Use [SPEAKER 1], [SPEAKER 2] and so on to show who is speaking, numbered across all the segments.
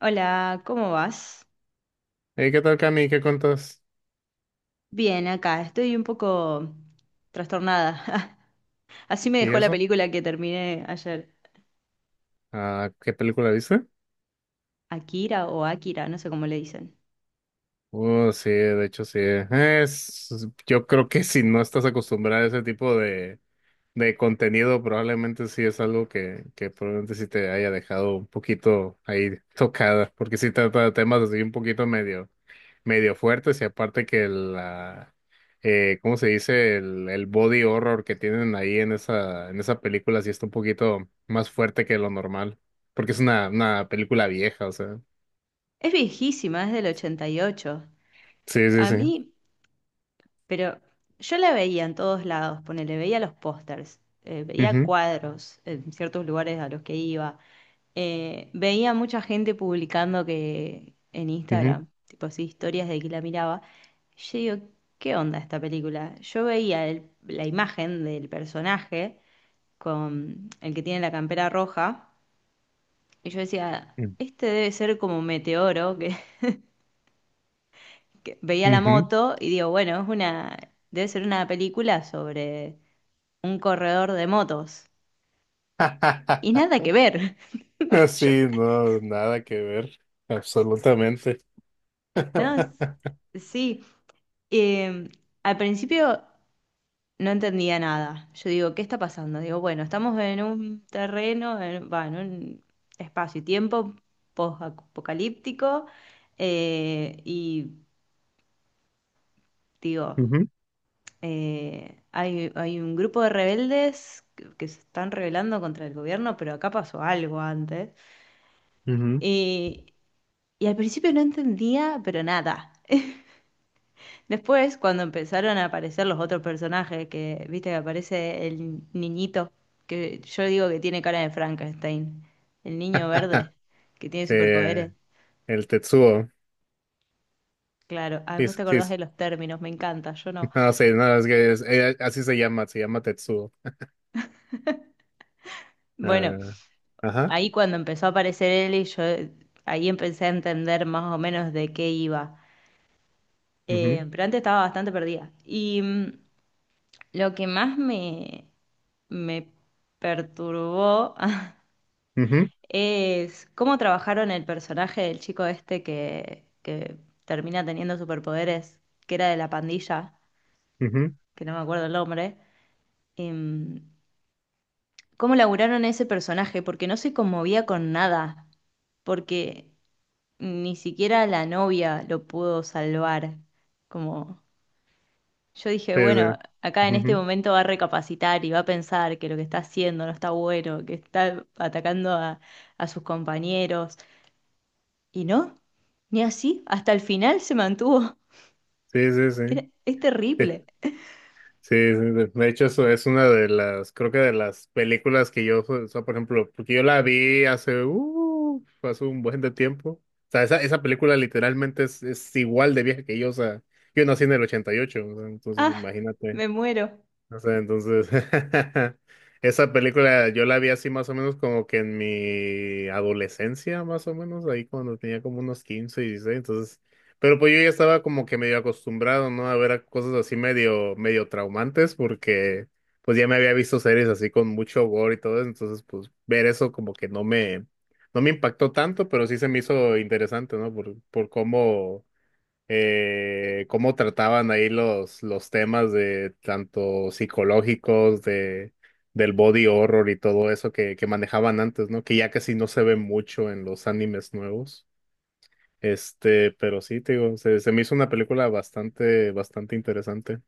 [SPEAKER 1] Hola, ¿cómo vas?
[SPEAKER 2] Hey, ¿qué tal, Cami? ¿Qué cuentas?
[SPEAKER 1] Bien, acá estoy un poco trastornada. Así me
[SPEAKER 2] ¿Y
[SPEAKER 1] dejó la
[SPEAKER 2] eso?
[SPEAKER 1] película que terminé ayer.
[SPEAKER 2] ¿Qué película viste?
[SPEAKER 1] Akira o Akira, no sé cómo le dicen.
[SPEAKER 2] Oh, sí, de hecho sí. Yo creo que si no estás acostumbrada a ese tipo de contenido, probablemente sí es algo que probablemente sí te haya dejado un poquito ahí tocada, porque sí trata de temas así un poquito medio fuertes y aparte que la, ¿cómo se dice? El body horror que tienen ahí en en esa película sí está un poquito más fuerte que lo normal, porque es una película vieja, o sea.
[SPEAKER 1] Es viejísima, es del 88.
[SPEAKER 2] Sí, sí,
[SPEAKER 1] A
[SPEAKER 2] sí.
[SPEAKER 1] mí pero yo la veía en todos lados, ponele, veía los pósters, veía
[SPEAKER 2] Ujú,
[SPEAKER 1] cuadros en ciertos lugares a los que iba, veía mucha gente publicando que en
[SPEAKER 2] ujú,
[SPEAKER 1] Instagram, tipo así, historias de que la miraba. Yo digo, ¿qué onda esta película? Yo veía la imagen del personaje con el que tiene la campera roja y yo decía, este debe ser como meteoro que, que veía la
[SPEAKER 2] ujú.
[SPEAKER 1] moto y digo, bueno, es una, debe ser una película sobre un corredor de motos. Y nada que ver. Yo,
[SPEAKER 2] Sí, no, nada que ver, absolutamente.
[SPEAKER 1] no, sí. Eh, Al principio no entendía nada. Yo digo, ¿qué está pasando? Digo, bueno, estamos en un terreno, en, va, en un espacio y tiempo post-apocalíptico. Y digo,
[SPEAKER 2] Ujú,
[SPEAKER 1] hay un grupo de rebeldes que se están rebelando contra el gobierno, pero acá pasó algo antes.
[SPEAKER 2] ujú.
[SPEAKER 1] Y, y al principio no entendía, pero nada. Después, cuando empezaron a aparecer los otros personajes, que viste que aparece el niñito, que yo digo que tiene cara de Frankenstein, el niño verde, que tiene
[SPEAKER 2] Sí,
[SPEAKER 1] superpoderes.
[SPEAKER 2] el Tetsuo.
[SPEAKER 1] Claro, ah,
[SPEAKER 2] Sí,
[SPEAKER 1] vos te
[SPEAKER 2] sí,
[SPEAKER 1] acordás
[SPEAKER 2] sí.
[SPEAKER 1] de los términos, me encanta, yo no.
[SPEAKER 2] No, sí, no, es que así se llama Tetsuo.
[SPEAKER 1] Bueno,
[SPEAKER 2] Ah, ajá.
[SPEAKER 1] ahí cuando empezó a aparecer él y yo ahí empecé a entender más o menos de qué iba.
[SPEAKER 2] Ujú,
[SPEAKER 1] Pero antes estaba bastante perdida. Y lo que más me perturbó
[SPEAKER 2] ujú,
[SPEAKER 1] es cómo trabajaron el personaje del chico este que termina teniendo superpoderes, que era de la pandilla,
[SPEAKER 2] ujú,
[SPEAKER 1] que no me acuerdo el nombre. Em, Cómo laburaron ese personaje, porque no se conmovía con nada, porque ni siquiera la novia lo pudo salvar. Como yo dije,
[SPEAKER 2] sí,
[SPEAKER 1] bueno,
[SPEAKER 2] sí.
[SPEAKER 1] acá en este
[SPEAKER 2] Ujú,
[SPEAKER 1] momento va a recapacitar y va a pensar que lo que está haciendo no está bueno, que está atacando a sus compañeros. Y no, ni así, hasta el final se mantuvo.
[SPEAKER 2] sí, sí, sí.
[SPEAKER 1] Es
[SPEAKER 2] Sí, sí,
[SPEAKER 1] terrible.
[SPEAKER 2] sí. De hecho, eso es una de las, creo que de las películas que yo, o sea, por ejemplo, porque yo la vi hace, hace un buen de tiempo. O sea, esa película literalmente es igual de vieja que yo, o sea, yo nací en el 88, o sea, entonces
[SPEAKER 1] Ah,
[SPEAKER 2] imagínate.
[SPEAKER 1] me muero.
[SPEAKER 2] O sea, entonces, esa película yo la vi así más o menos como que en mi adolescencia, más o menos, ahí cuando tenía como unos 15 y 16, entonces, pero pues yo ya estaba como que medio acostumbrado, ¿no? A ver a cosas así medio, medio traumantes, porque pues ya me había visto series así con mucho gore y todo eso, entonces pues ver eso como que no me impactó tanto, pero sí se me hizo interesante, ¿no? Por cómo cómo trataban ahí los temas de tanto psicológicos, de, del body horror y todo eso que manejaban antes, ¿no? Que ya casi no se ve mucho en los animes nuevos. Este, pero sí, te digo, se me hizo una película bastante, bastante interesante.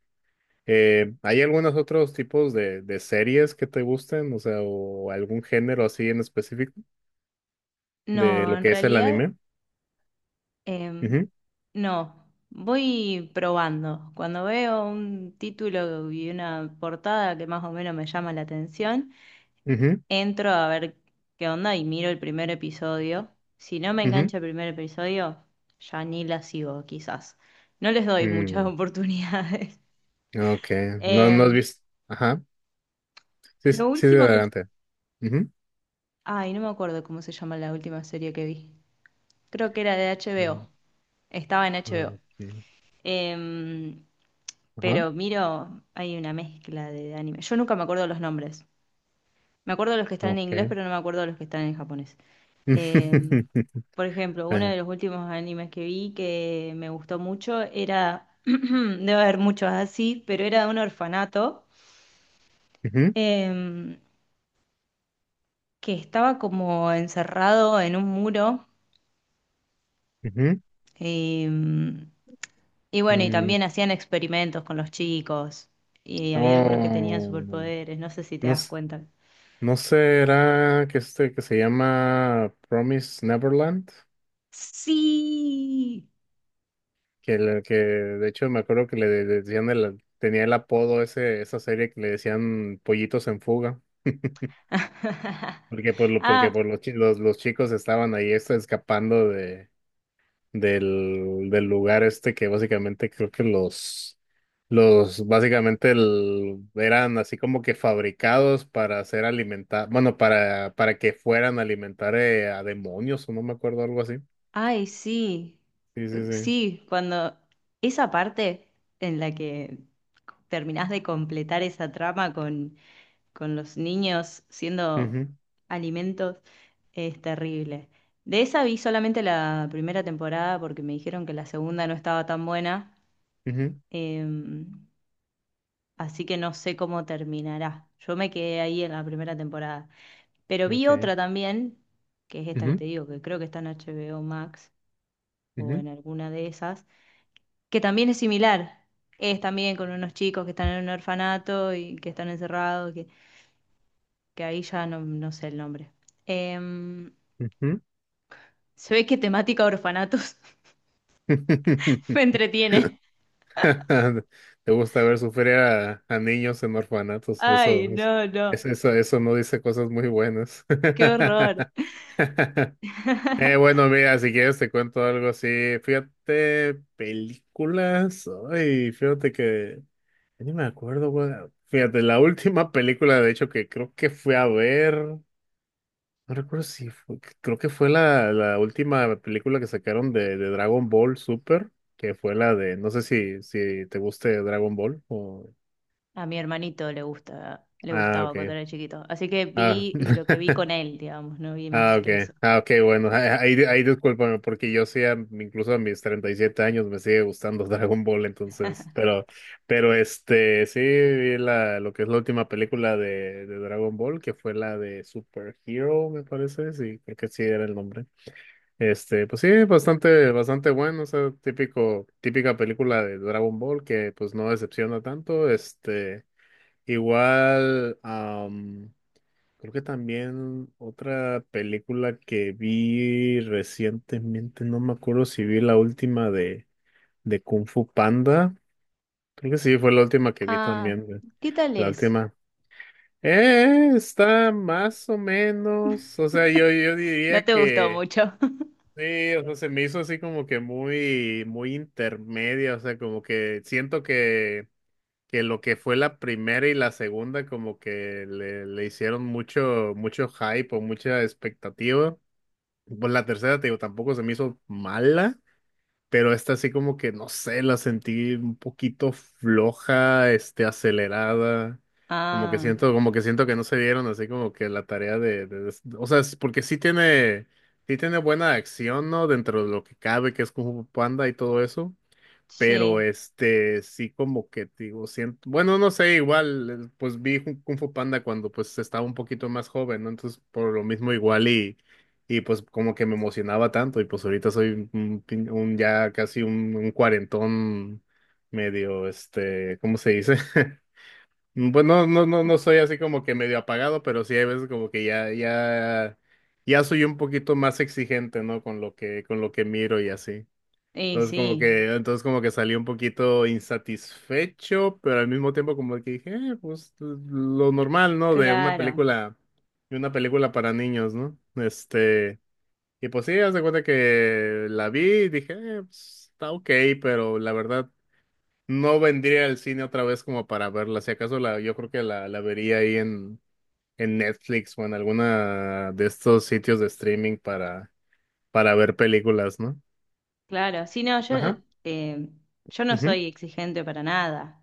[SPEAKER 2] ¿Hay algunos otros tipos de series que te gusten? O sea, o algún género así en específico de
[SPEAKER 1] No,
[SPEAKER 2] lo
[SPEAKER 1] en
[SPEAKER 2] que es el
[SPEAKER 1] realidad,
[SPEAKER 2] anime.
[SPEAKER 1] em,
[SPEAKER 2] Ujú,
[SPEAKER 1] no. Voy probando. Cuando veo un título y una portada que más o menos me llama la atención,
[SPEAKER 2] ujú,
[SPEAKER 1] entro a ver qué onda y miro el primer episodio. Si no me
[SPEAKER 2] ujú.
[SPEAKER 1] engancha el primer episodio, ya ni la sigo, quizás. No les doy muchas
[SPEAKER 2] Mm,
[SPEAKER 1] oportunidades.
[SPEAKER 2] ok, no, no has
[SPEAKER 1] Em,
[SPEAKER 2] visto. Ajá. Sí, sí,
[SPEAKER 1] lo
[SPEAKER 2] sí,
[SPEAKER 1] último
[SPEAKER 2] de
[SPEAKER 1] que
[SPEAKER 2] adelante. Ujú.
[SPEAKER 1] Ay, no me acuerdo cómo se llama la última serie que vi. Creo que era de HBO. Estaba en
[SPEAKER 2] Ah,
[SPEAKER 1] HBO.
[SPEAKER 2] ok.
[SPEAKER 1] Em,
[SPEAKER 2] Ajá.
[SPEAKER 1] pero miro, hay una mezcla de anime. Yo nunca me acuerdo los nombres. Me acuerdo de los que están en inglés,
[SPEAKER 2] Ok.
[SPEAKER 1] pero no me acuerdo de los que están en japonés. Em, por ejemplo, uno
[SPEAKER 2] Eh,
[SPEAKER 1] de los últimos animes que vi que me gustó mucho era, debe haber muchos así, pero era de un orfanato
[SPEAKER 2] ujú,
[SPEAKER 1] em, que estaba como encerrado en un muro.
[SPEAKER 2] ujú.
[SPEAKER 1] em, Y bueno, y
[SPEAKER 2] Mm,
[SPEAKER 1] también hacían experimentos con los chicos. Y había algunos que tenían
[SPEAKER 2] oh,
[SPEAKER 1] superpoderes, no sé si te
[SPEAKER 2] no,
[SPEAKER 1] das
[SPEAKER 2] s-
[SPEAKER 1] cuenta.
[SPEAKER 2] no será que este que se llama Promise Neverland,
[SPEAKER 1] Sí.
[SPEAKER 2] que de hecho me acuerdo que decían el, tenía el apodo ese, esa serie que le decían Pollitos en Fuga, porque por lo, porque
[SPEAKER 1] Ah,
[SPEAKER 2] por los chicos estaban ahí este, escapando de del lugar este que básicamente creo que básicamente eran así como que fabricados para hacer alimentar, bueno, para que fueran a alimentar a demonios o no me acuerdo, algo así.
[SPEAKER 1] ay, sí.
[SPEAKER 2] Sí, sí, sí.
[SPEAKER 1] Sí, cuando esa parte en la que terminás de completar esa trama con los niños siendo
[SPEAKER 2] Ujú,
[SPEAKER 1] alimentos es terrible. De esa vi solamente la primera temporada porque me dijeron que la segunda no estaba tan buena.
[SPEAKER 2] ujú,
[SPEAKER 1] Em, Así que no sé cómo terminará. Yo me quedé ahí en la primera temporada. Pero vi
[SPEAKER 2] ok.
[SPEAKER 1] otra también, que es esta que
[SPEAKER 2] Ujú,
[SPEAKER 1] te digo, que creo que está en HBO Max o
[SPEAKER 2] ujú,
[SPEAKER 1] en alguna de esas, que también es similar. Es también con unos chicos que están en un orfanato y que están encerrados, que ahí ya no, no sé el nombre. Em,
[SPEAKER 2] ujú.
[SPEAKER 1] Se ve que temática orfanatos me entretiene.
[SPEAKER 2] Te gusta ver sufrir a niños en orfanatos,
[SPEAKER 1] Ay,
[SPEAKER 2] eso,
[SPEAKER 1] no, no,
[SPEAKER 2] es- eso no dice cosas muy buenas.
[SPEAKER 1] qué horror.
[SPEAKER 2] Bueno, mira, si quieres te cuento algo así. Fíjate, películas. Ay, fíjate que ya ni me acuerdo, güey. Fíjate, la última película, de hecho, que creo que fui a ver. No recuerdo si fue. Creo que fue la última película que sacaron de Dragon Ball Super. Que fue la de. No sé si te guste Dragon Ball. O...
[SPEAKER 1] A mi hermanito le gusta, le
[SPEAKER 2] Ah,
[SPEAKER 1] gustaba cuando
[SPEAKER 2] ok.
[SPEAKER 1] era chiquito. Así que
[SPEAKER 2] Ah.
[SPEAKER 1] vi lo que vi con él, digamos, no vi
[SPEAKER 2] Ah,
[SPEAKER 1] más
[SPEAKER 2] ok.
[SPEAKER 1] que eso.
[SPEAKER 2] Ah, ok, bueno. Ahí, ahí discúlpame, porque yo sí, incluso a mis 37 años me sigue gustando Dragon Ball, pero este, sí vi lo que es la última película de Dragon Ball, que fue la de Super Hero, me parece, sí, creo que sí era el nombre. Este, pues sí, bastante, bastante bueno, o sea, típico, típica película de Dragon Ball que pues no decepciona tanto, este, igual, creo que también otra película que vi recientemente, no me acuerdo si vi la última de Kung Fu Panda. Creo que sí, fue la última que vi
[SPEAKER 1] Ah,
[SPEAKER 2] también, güey.
[SPEAKER 1] ¿qué tal
[SPEAKER 2] La
[SPEAKER 1] es?
[SPEAKER 2] última. Está más o menos. O sea, yo
[SPEAKER 1] No
[SPEAKER 2] diría
[SPEAKER 1] te gustó
[SPEAKER 2] que
[SPEAKER 1] mucho.
[SPEAKER 2] sí, o sea, se me hizo así como que muy, muy intermedia. O sea, como que siento que lo que fue la primera y la segunda, como que le hicieron mucho, mucho hype o mucha expectativa. Pues la tercera, te digo, tampoco se me hizo mala, pero esta sí como que, no sé, la sentí un poquito floja, este, acelerada.
[SPEAKER 1] Ah,
[SPEAKER 2] Como que siento que no se dieron así como que la tarea de o sea, es porque sí tiene buena acción, ¿no? Dentro de lo que cabe, que es como Panda y todo eso. Pero
[SPEAKER 1] sí,
[SPEAKER 2] este, sí como que te digo, siento, bueno, no sé, igual, pues vi Kung Fu Panda cuando pues estaba un poquito más joven, ¿no? Entonces, por lo mismo y pues como que me emocionaba tanto y pues ahorita soy un, un ya casi un cuarentón medio, este, ¿cómo se dice? Bueno, no, no, no soy así como que medio apagado, pero sí hay veces como que ya soy un poquito más exigente, ¿no? Con lo que miro y así.
[SPEAKER 1] y sí,
[SPEAKER 2] Entonces como que salí un poquito insatisfecho, pero al mismo tiempo como que dije, pues lo normal, ¿no?
[SPEAKER 1] claro,
[SPEAKER 2] De una película para niños, ¿no? Este, y pues sí, haz de cuenta que la vi y dije, pues, está ok, pero la verdad no vendría al cine otra vez como para verla. Si acaso la, yo creo que la vería ahí en Netflix o en alguna de estos sitios de streaming para ver películas, ¿no?
[SPEAKER 1] claro. Sí, no, yo,
[SPEAKER 2] Ajá.
[SPEAKER 1] eh, yo no
[SPEAKER 2] Ujú,
[SPEAKER 1] soy exigente para nada.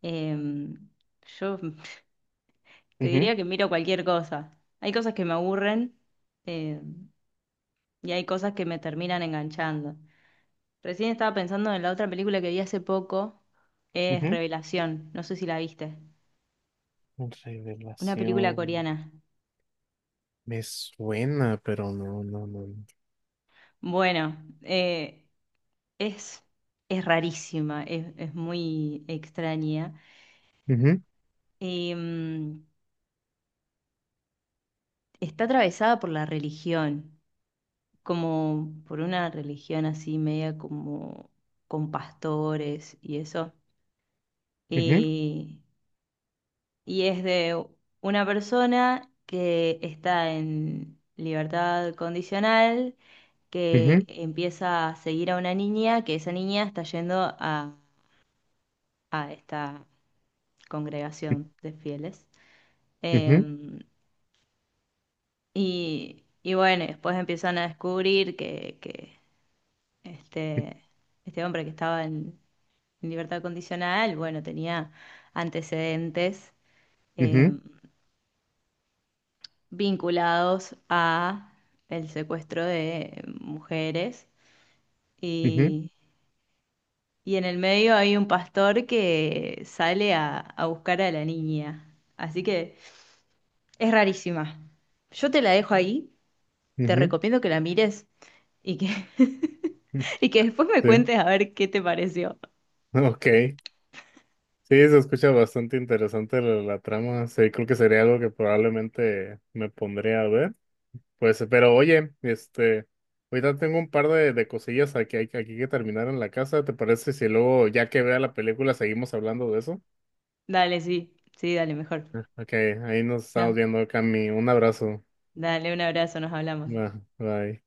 [SPEAKER 1] Em, yo te
[SPEAKER 2] ujú,
[SPEAKER 1] diría que miro cualquier cosa. Hay cosas que me aburren, em, y hay cosas que me terminan enganchando. Recién estaba pensando en la otra película que vi hace poco, es
[SPEAKER 2] ujú.
[SPEAKER 1] Revelación, no sé si la viste, una película
[SPEAKER 2] Revelación.
[SPEAKER 1] coreana.
[SPEAKER 2] Me suena, pero no, no, no. No.
[SPEAKER 1] Bueno, es, es rarísima, es muy extraña.
[SPEAKER 2] Ujú,
[SPEAKER 1] Em, Está atravesada por la religión, como por una religión así media como con pastores y eso.
[SPEAKER 2] ujú,
[SPEAKER 1] Eh, y es de una persona que está en libertad condicional que
[SPEAKER 2] ujú,
[SPEAKER 1] empieza a seguir a una niña, que esa niña está yendo a esta congregación de fieles.
[SPEAKER 2] ujú,
[SPEAKER 1] Em, y bueno, y después empiezan a descubrir que este, este hombre que estaba en libertad condicional, bueno, tenía antecedentes
[SPEAKER 2] ujú,
[SPEAKER 1] em, vinculados a el secuestro de mujeres.
[SPEAKER 2] ujú,
[SPEAKER 1] Y en el medio hay un pastor que sale a buscar a la niña. Así que es rarísima. Yo te la dejo ahí, te
[SPEAKER 2] ujú,
[SPEAKER 1] recomiendo que la mires y que,
[SPEAKER 2] ujú.
[SPEAKER 1] y que después me
[SPEAKER 2] Sí,
[SPEAKER 1] cuentes a ver qué te pareció.
[SPEAKER 2] ok. Sí, se escucha bastante interesante la, la trama. Sí, creo que sería algo que probablemente me pondría a ver. Pues, pero oye, este, ahorita tengo un par de cosillas aquí, aquí que terminar en la casa. ¿Te parece si luego, ya que vea la película, seguimos hablando de eso?
[SPEAKER 1] Dale, sí, sí, dale, mejor.
[SPEAKER 2] Ok, ahí nos estamos
[SPEAKER 1] No,
[SPEAKER 2] viendo, Cami. Un abrazo.
[SPEAKER 1] dale un abrazo, nos hablamos.
[SPEAKER 2] Bye. Bye.